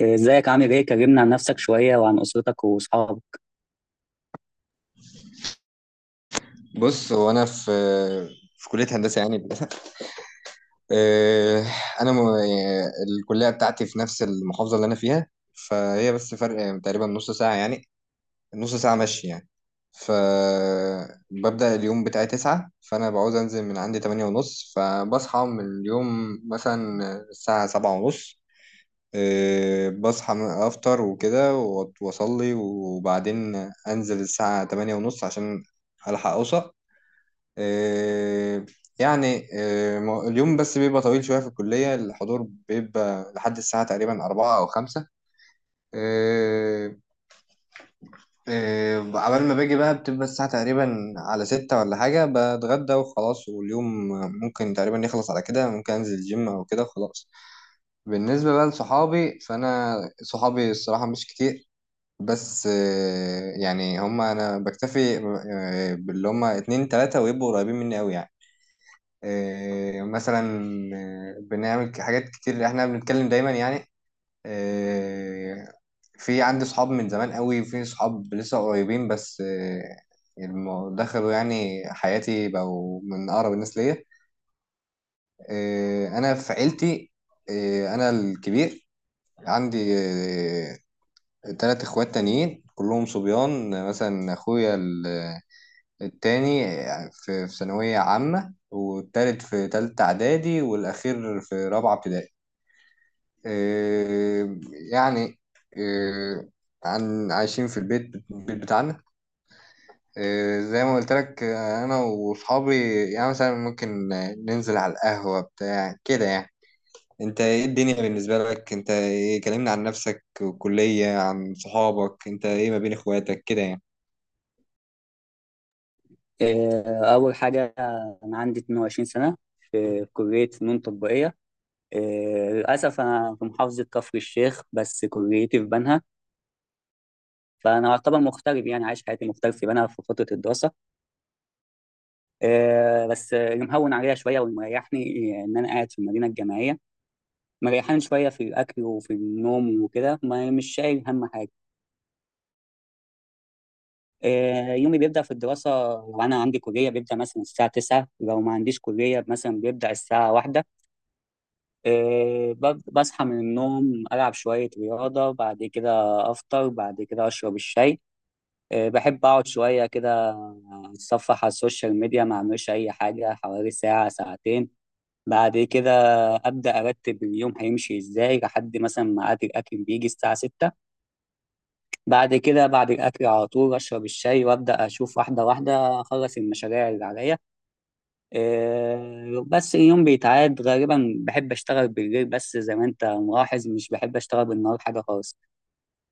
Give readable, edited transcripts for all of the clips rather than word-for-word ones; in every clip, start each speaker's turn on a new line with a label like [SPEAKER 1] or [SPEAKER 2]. [SPEAKER 1] إيه، ازيك؟ عامل ايه؟ كلمنا عن نفسك شوية وعن أسرتك وأصحابك.
[SPEAKER 2] بص. هو انا في كليه هندسه يعني. آه، انا يعني الكليه بتاعتي في نفس المحافظه اللي انا فيها. فهي بس فرق تقريبا نص ساعه يعني، نص ساعه مشي يعني. فببدأ اليوم بتاعي 9، فأنا بعوز أنزل من عندي 8:30، فبصحى من اليوم مثلا الساعة 7:30. أفطر وكده وأصلي وبعدين أنزل الساعة 8:30 عشان ألحق أوصل. آه، اليوم بس بيبقى طويل شوية في الكلية، الحضور بيبقى لحد الساعة تقريبا 4 أو 5. آه، عبال ما باجي بقى بتبقى الساعة تقريبا على 6 ولا حاجة، بتغدى وخلاص، واليوم ممكن تقريبا يخلص على كده، ممكن أنزل الجيم أو كده وخلاص. بالنسبة بقى لصحابي، فأنا صحابي الصراحة مش كتير. بس يعني هما أنا بكتفي باللي هما اتنين تلاتة، ويبقوا قريبين مني أوي يعني. آه، مثلا آه، بنعمل حاجات كتير، احنا بنتكلم دايما يعني. آه، في عندي صحاب من زمان قوي، في صحاب لسه قريبين، بس دخلوا يعني حياتي، بقوا من اقرب الناس ليا. انا في عيلتي انا الكبير. عندي 3 اخوات تانيين كلهم صبيان. مثلا التاني في ثانوية عامة، والتالت في تالتة اعدادي، والاخير في رابعة ابتدائي. آه، يعني آه، عن عايشين في البيت، البيت بتاعنا. زي ما قلت لك انا واصحابي يعني مثلا ممكن ننزل على القهوة بتاع كده يعني. انت ايه الدنيا بالنسبة لك؟ انت ايه؟ كلمنا عن نفسك والكلية، عن صحابك، انت ايه ما بين اخواتك كده يعني؟
[SPEAKER 1] إيه، أول حاجة، أنا عندي 22 سنة في كلية فنون تطبيقية. إيه، للأسف أنا في محافظة كفر الشيخ بس كليتي في بنها، فأنا أعتبر مغترب، يعني عايش حياتي مغترب في بنها في فترة الدراسة. إيه، بس اللي مهون عليها شوية والمريحني إيه، إن أنا قاعد في المدينة الجامعية، مريحان شوية في الأكل وفي النوم وكده، مش شايل هم حاجة. يومي بيبدأ في الدراسة، لو أنا عندي كلية بيبدأ مثلا الساعة 9، لو ما عنديش كلية مثلا بيبدأ الساعة واحدة. بصحى من النوم، ألعب شوية رياضة، بعد كده أفطر، بعد كده أشرب الشاي. بحب أقعد شوية كده أتصفح على السوشيال ميديا، ما أعملش أي حاجة حوالي ساعة ساعتين. بعد كده أبدأ أرتب اليوم هيمشي إزاي، لحد مثلا ما أكل، الأكل بيجي الساعة 6. بعد كده بعد الأكل على طول أشرب الشاي وأبدأ أشوف واحدة واحدة أخلص المشاريع اللي عليا. إيه، بس اليوم بيتعاد غالبا، بحب أشتغل بالليل، بس زي ما أنت ملاحظ مش بحب أشتغل بالنهار حاجة خالص.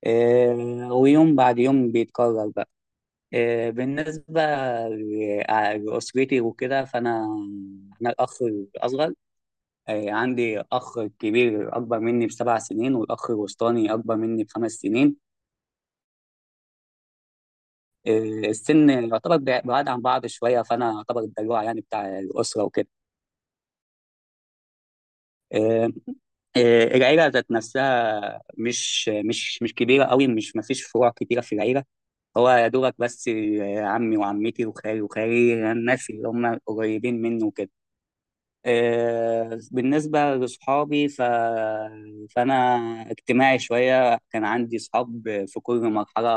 [SPEAKER 1] إيه، ويوم بعد يوم بيتكرر بقى. إيه، بالنسبة ل- لأسرتي وكده، فأنا أنا الأخ الأصغر. إيه، عندي أخ كبير أكبر مني بسبع سنين، والأخ الوسطاني أكبر مني بخمس سنين. إيه، السن يعتبر بعاد عن بعض شويه، فانا يعتبر الدلوع يعني بتاع الاسره وكده. إيه، إيه، العيله ذات نفسها مش كبيره قوي، مش ما فيش فروع كتيره في العيله. هو يا دوبك بس عمي وعمتي وخالي وخالي، الناس اللي هم قريبين منه وكده. بالنسبة لصحابي فأنا اجتماعي شوية، كان عندي صحاب في كل مرحلة،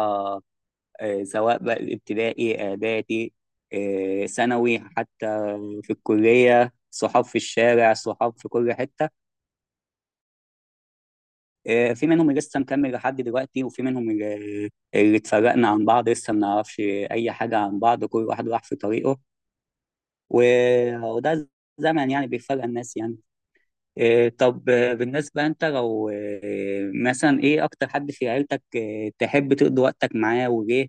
[SPEAKER 1] سواء بقى ابتدائي، اعدادي، ثانوي حتى، في الكليه صحاب، في الشارع صحاب، في كل حته. في منهم اللي لسه مكمل لحد دلوقتي، وفي منهم اللي اتفرقنا عن بعض، لسه ما نعرفش اي حاجه عن بعض، كل واحد راح في طريقه. وده زمن يعني بيفرق الناس يعني. إيه، طب بالنسبة أنت لو مثلا إيه أكتر حد في عيلتك تحب تقضي وقتك معاه وليه؟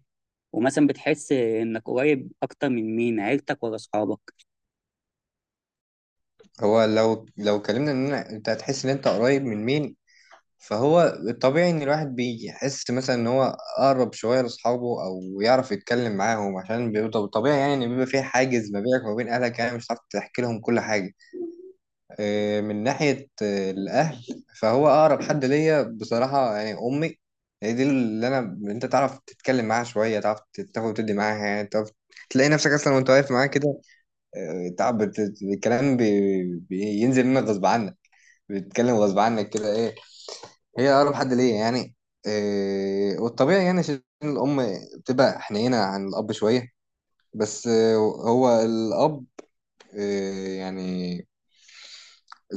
[SPEAKER 1] ومثلا بتحس إنك قريب أكتر من مين، عيلتك ولا أصحابك؟
[SPEAKER 2] هو لو كلمنا ان انت هتحس ان انت قريب من مين. فهو الطبيعي ان الواحد بيحس مثلا ان هو اقرب شويه لاصحابه او يعرف يتكلم معاهم، عشان بيبقى طبيعي يعني ان بيبقى في حاجز ما بينك وما بين اهلك، يعني مش هتعرف تحكي لهم كل حاجه. من ناحيه الاهل، فهو اقرب حد ليا بصراحه يعني امي. هي دي اللي انا، انت تعرف تتكلم معاها شويه، تعرف تاخد وتدي معاها يعني، تعرف تلاقي نفسك اصلا وانت واقف معاها كده. تعب الكلام بينزل منك غصب عنك، بتتكلم غصب عنك كده. ايه، هي أقرب حد ليا يعني. إيه، والطبيعي يعني عشان الأم بتبقى حنينة عن الأب شوية. بس هو الأب إيه يعني،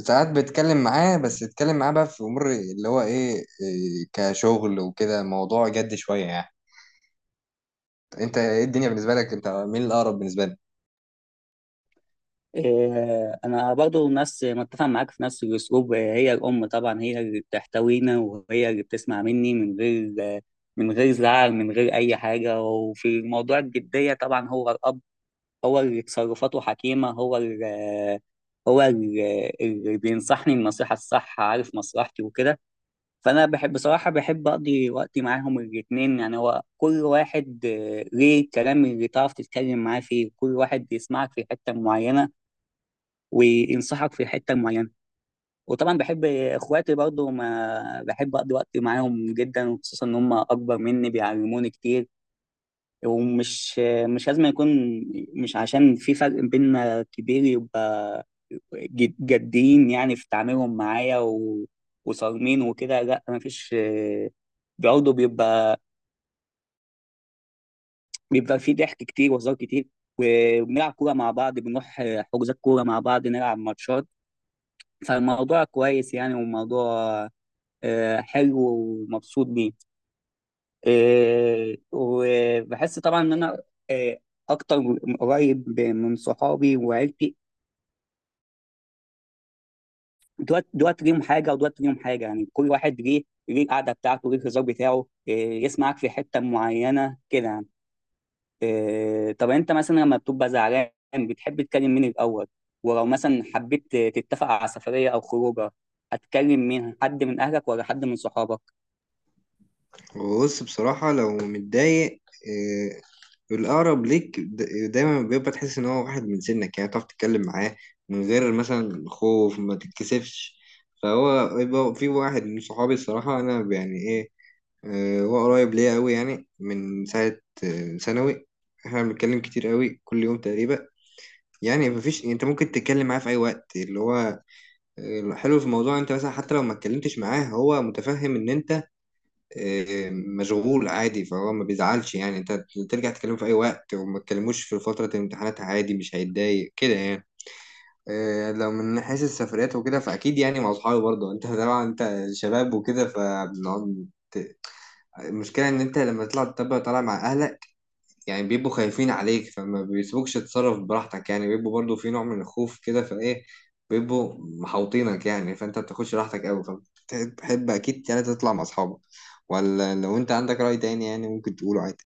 [SPEAKER 2] ساعات بتكلم معاه، بس تتكلم معاه بقى في أمور اللي هو إيه كشغل وكده، موضوع جد شوية يعني. أنت إيه الدنيا بالنسبة لك؟ أنت مين الأقرب بالنسبة لك؟
[SPEAKER 1] إيه، أنا برضو نفس، متفق معاك في نفس الأسلوب، هي الأم طبعا، هي اللي بتحتوينا وهي اللي بتسمع مني من غير من غير زعل، من غير أي حاجة. وفي موضوع الجدية طبعا هو الأب، هو اللي تصرفاته حكيمة، هو اللي بينصحني النصيحة الصح، عارف مصلحتي وكده. فأنا بحب، بصراحة بحب أقضي وقتي معاهم الاتنين، يعني هو كل واحد ليه الكلام اللي تعرف تتكلم معاه فيه، كل واحد بيسمعك في حتة معينة وينصحك في حتة معينة. وطبعا بحب اخواتي برضو، ما بحب اقضي وقت معاهم جدا، وخصوصا ان هم اكبر مني بيعلموني كتير. ومش، مش لازم يكون، مش عشان في فرق بيننا كبير يبقى جادين يعني في تعاملهم معايا، و... وصارمين وكده. لا، مفيش برضه بيبقى في ضحك كتير وهزار كتير. وبنلعب كورة مع بعض، بنروح حجوزات كورة مع بعض، نلعب ماتشات. فالموضوع كويس يعني، وموضوع حلو ومبسوط بيه. إيه، وبحس طبعا ان انا، إيه، اكتر قريب من صحابي وعيلتي، دوت دوت ليهم حاجه ودوت ليهم حاجه، يعني كل واحد ليه، ليه القعده بتاعته، ليه الهزار بتاعه، إيه، يسمعك في حته معينه كده يعني. إيه، طب انت مثلا لما بتبقى زعلان بتحب تكلم مين الاول؟ ولو مثلا حبيت تتفق على سفريه او خروجه، هتكلم مين، حد من اهلك ولا حد من صحابك؟
[SPEAKER 2] بص، بصراحة لو متضايق، الأقرب ليك دايما بيبقى تحس إن هو واحد من سنك، يعني تعرف تتكلم معاه من غير مثلا خوف، ما تتكسفش. فهو يبقى في واحد من صحابي الصراحة، أنا يعني إيه، هو قريب ليا أوي يعني، من ساعة ثانوي. إحنا بنتكلم كتير أوي كل يوم تقريبا، يعني مفيش، أنت ممكن تتكلم معاه في أي وقت اللي هو، الحلو في الموضوع أنت مثلا حتى لو ما اتكلمتش معاه هو متفهم إن أنت مشغول عادي، فهو ما بيزعلش يعني، انت ترجع تكلمه في اي وقت، وما تكلموش في فترة الامتحانات عادي، مش هيتضايق كده يعني. لو من حيث السفريات وكده، فاكيد يعني مع اصحابي برضه، انت طبعا انت شباب وكده فبنقعد. المشكلة إن أنت لما تطلع تبقى طالع مع أهلك يعني، بيبقوا خايفين عليك فما بيسيبوكش تتصرف براحتك، يعني بيبقوا برضو في نوع من الخوف كده، فايه بيبقوا محوطينك يعني، فانت بتاخدش راحتك قوي. فبتحب اكيد يعني تطلع مع اصحابك. ولا لو انت عندك رأي تاني يعني ممكن تقوله عادي.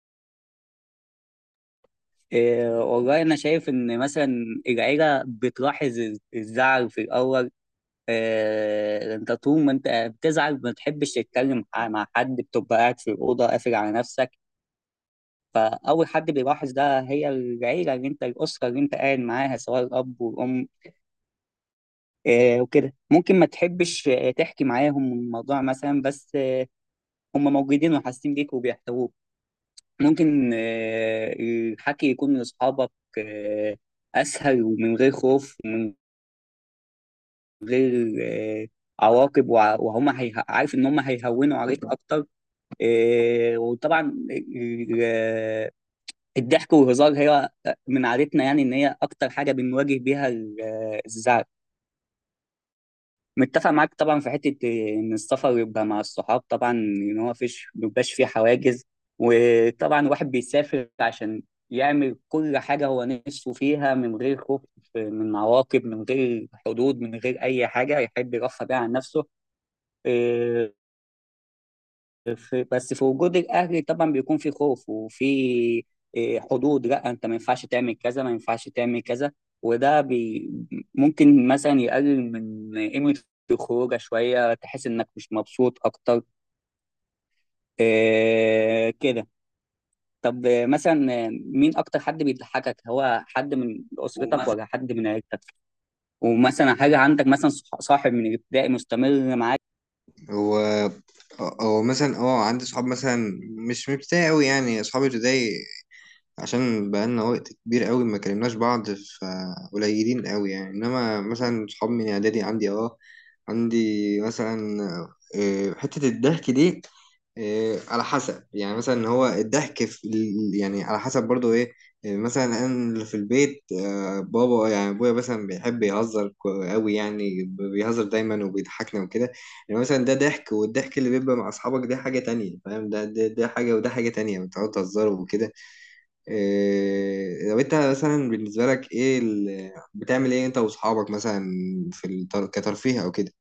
[SPEAKER 1] إيه، والله انا شايف ان مثلا العيله بتلاحظ الزعل في الاول. انت طول ما انت بتزعل ما بتحبش تتكلم مع حد، بتبقى قاعد في الاوضه قافل على نفسك. فاول حد بيلاحظ ده هي العيله، اللي انت، الاسره اللي انت قاعد معاها، سواء الاب والام. وكده ممكن ما تحبش تحكي معاهم الموضوع مثلا، بس هم موجودين وحاسين بيك وبيحتووك. ممكن الحكي يكون لاصحابك آه، اسهل، ومن غير خوف ومن غير عواقب، وهم عارف ان هم هيهونوا عليك اكتر. إيه، وطبعا ال- الضحك والهزار هي من عادتنا، يعني ان هي اكتر حاجه بنواجه بيها الزعل. متفق معاك طبعا في حته، إيه، ان السفر يبقى مع الصحاب طبعا، ان هو فيش مبيبقاش فيه حواجز. وطبعا الواحد بيسافر عشان يعمل كل حاجه هو نفسه فيها، من غير خوف من عواقب، من غير حدود، من غير اي حاجه، يحب يرفه بيها عن نفسه. آه، في، بس في وجود الاهل طبعا بيكون في خوف وفي، إيه، حدود. لا انت ما ينفعش تعمل كذا، ما ينفعش تعمل كذا. وده بي ممكن مثلا يقلل من قيمة الخروجه شوية، تحس انك مش مبسوط اكتر. إيه كده. طب مثلا مين اكتر حد بيضحكك، هو حد من اسرتك
[SPEAKER 2] ومثلا
[SPEAKER 1] ولا حد من عيلتك؟ ومثلا، حاجة عندك مثلا صاحب من الابتدائي مستمر معاك؟
[SPEAKER 2] هو هو مثلا اه عندي صحاب مثلا، مش من ابتدائي قوي، يعني اصحابي ابتدائي عشان بقالنا وقت كبير قوي ما كلمناش بعض، فقليلين قوي يعني. انما مثلا صحاب من اعدادي عندي، اه عندي مثلا. حتة الضحك دي على حسب يعني، مثلا هو الضحك في يعني على حسب برضو ايه. مثلا انا اللي في البيت بابا يعني ابويا مثلا بيحب يهزر قوي يعني، بيهزر دايما وبيضحكنا وكده. يعني مثلا ده ضحك، والضحك اللي بيبقى مع اصحابك ده حاجة تانية، فاهم؟ ده حاجة وده حاجة تانية، بتقعدوا تهزروا وكده. لو انت مثلا بالنسبة لك ايه بتعمل ايه انت واصحابك مثلا في كترفيه او كده؟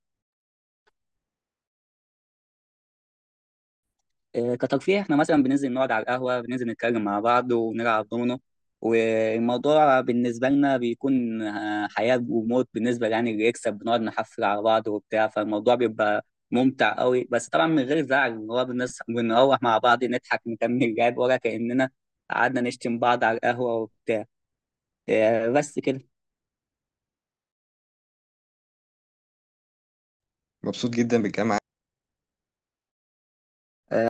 [SPEAKER 1] كترفيه، احنا مثلا بننزل نقعد على القهوة، بننزل نتكلم مع بعض ونلعب دومينو. والموضوع بالنسبة لنا بيكون حياة وموت بالنسبة، يعني اللي يكسب بنقعد نحفل على بعض وبتاع، فالموضوع بيبقى ممتع قوي. بس طبعا من غير زعل، اللي هو بنروح مع بعض نضحك نكمل لعب، ولا كأننا قعدنا نشتم بعض على القهوة وبتاع. بس كده.
[SPEAKER 2] مبسوط جدا بالكلام.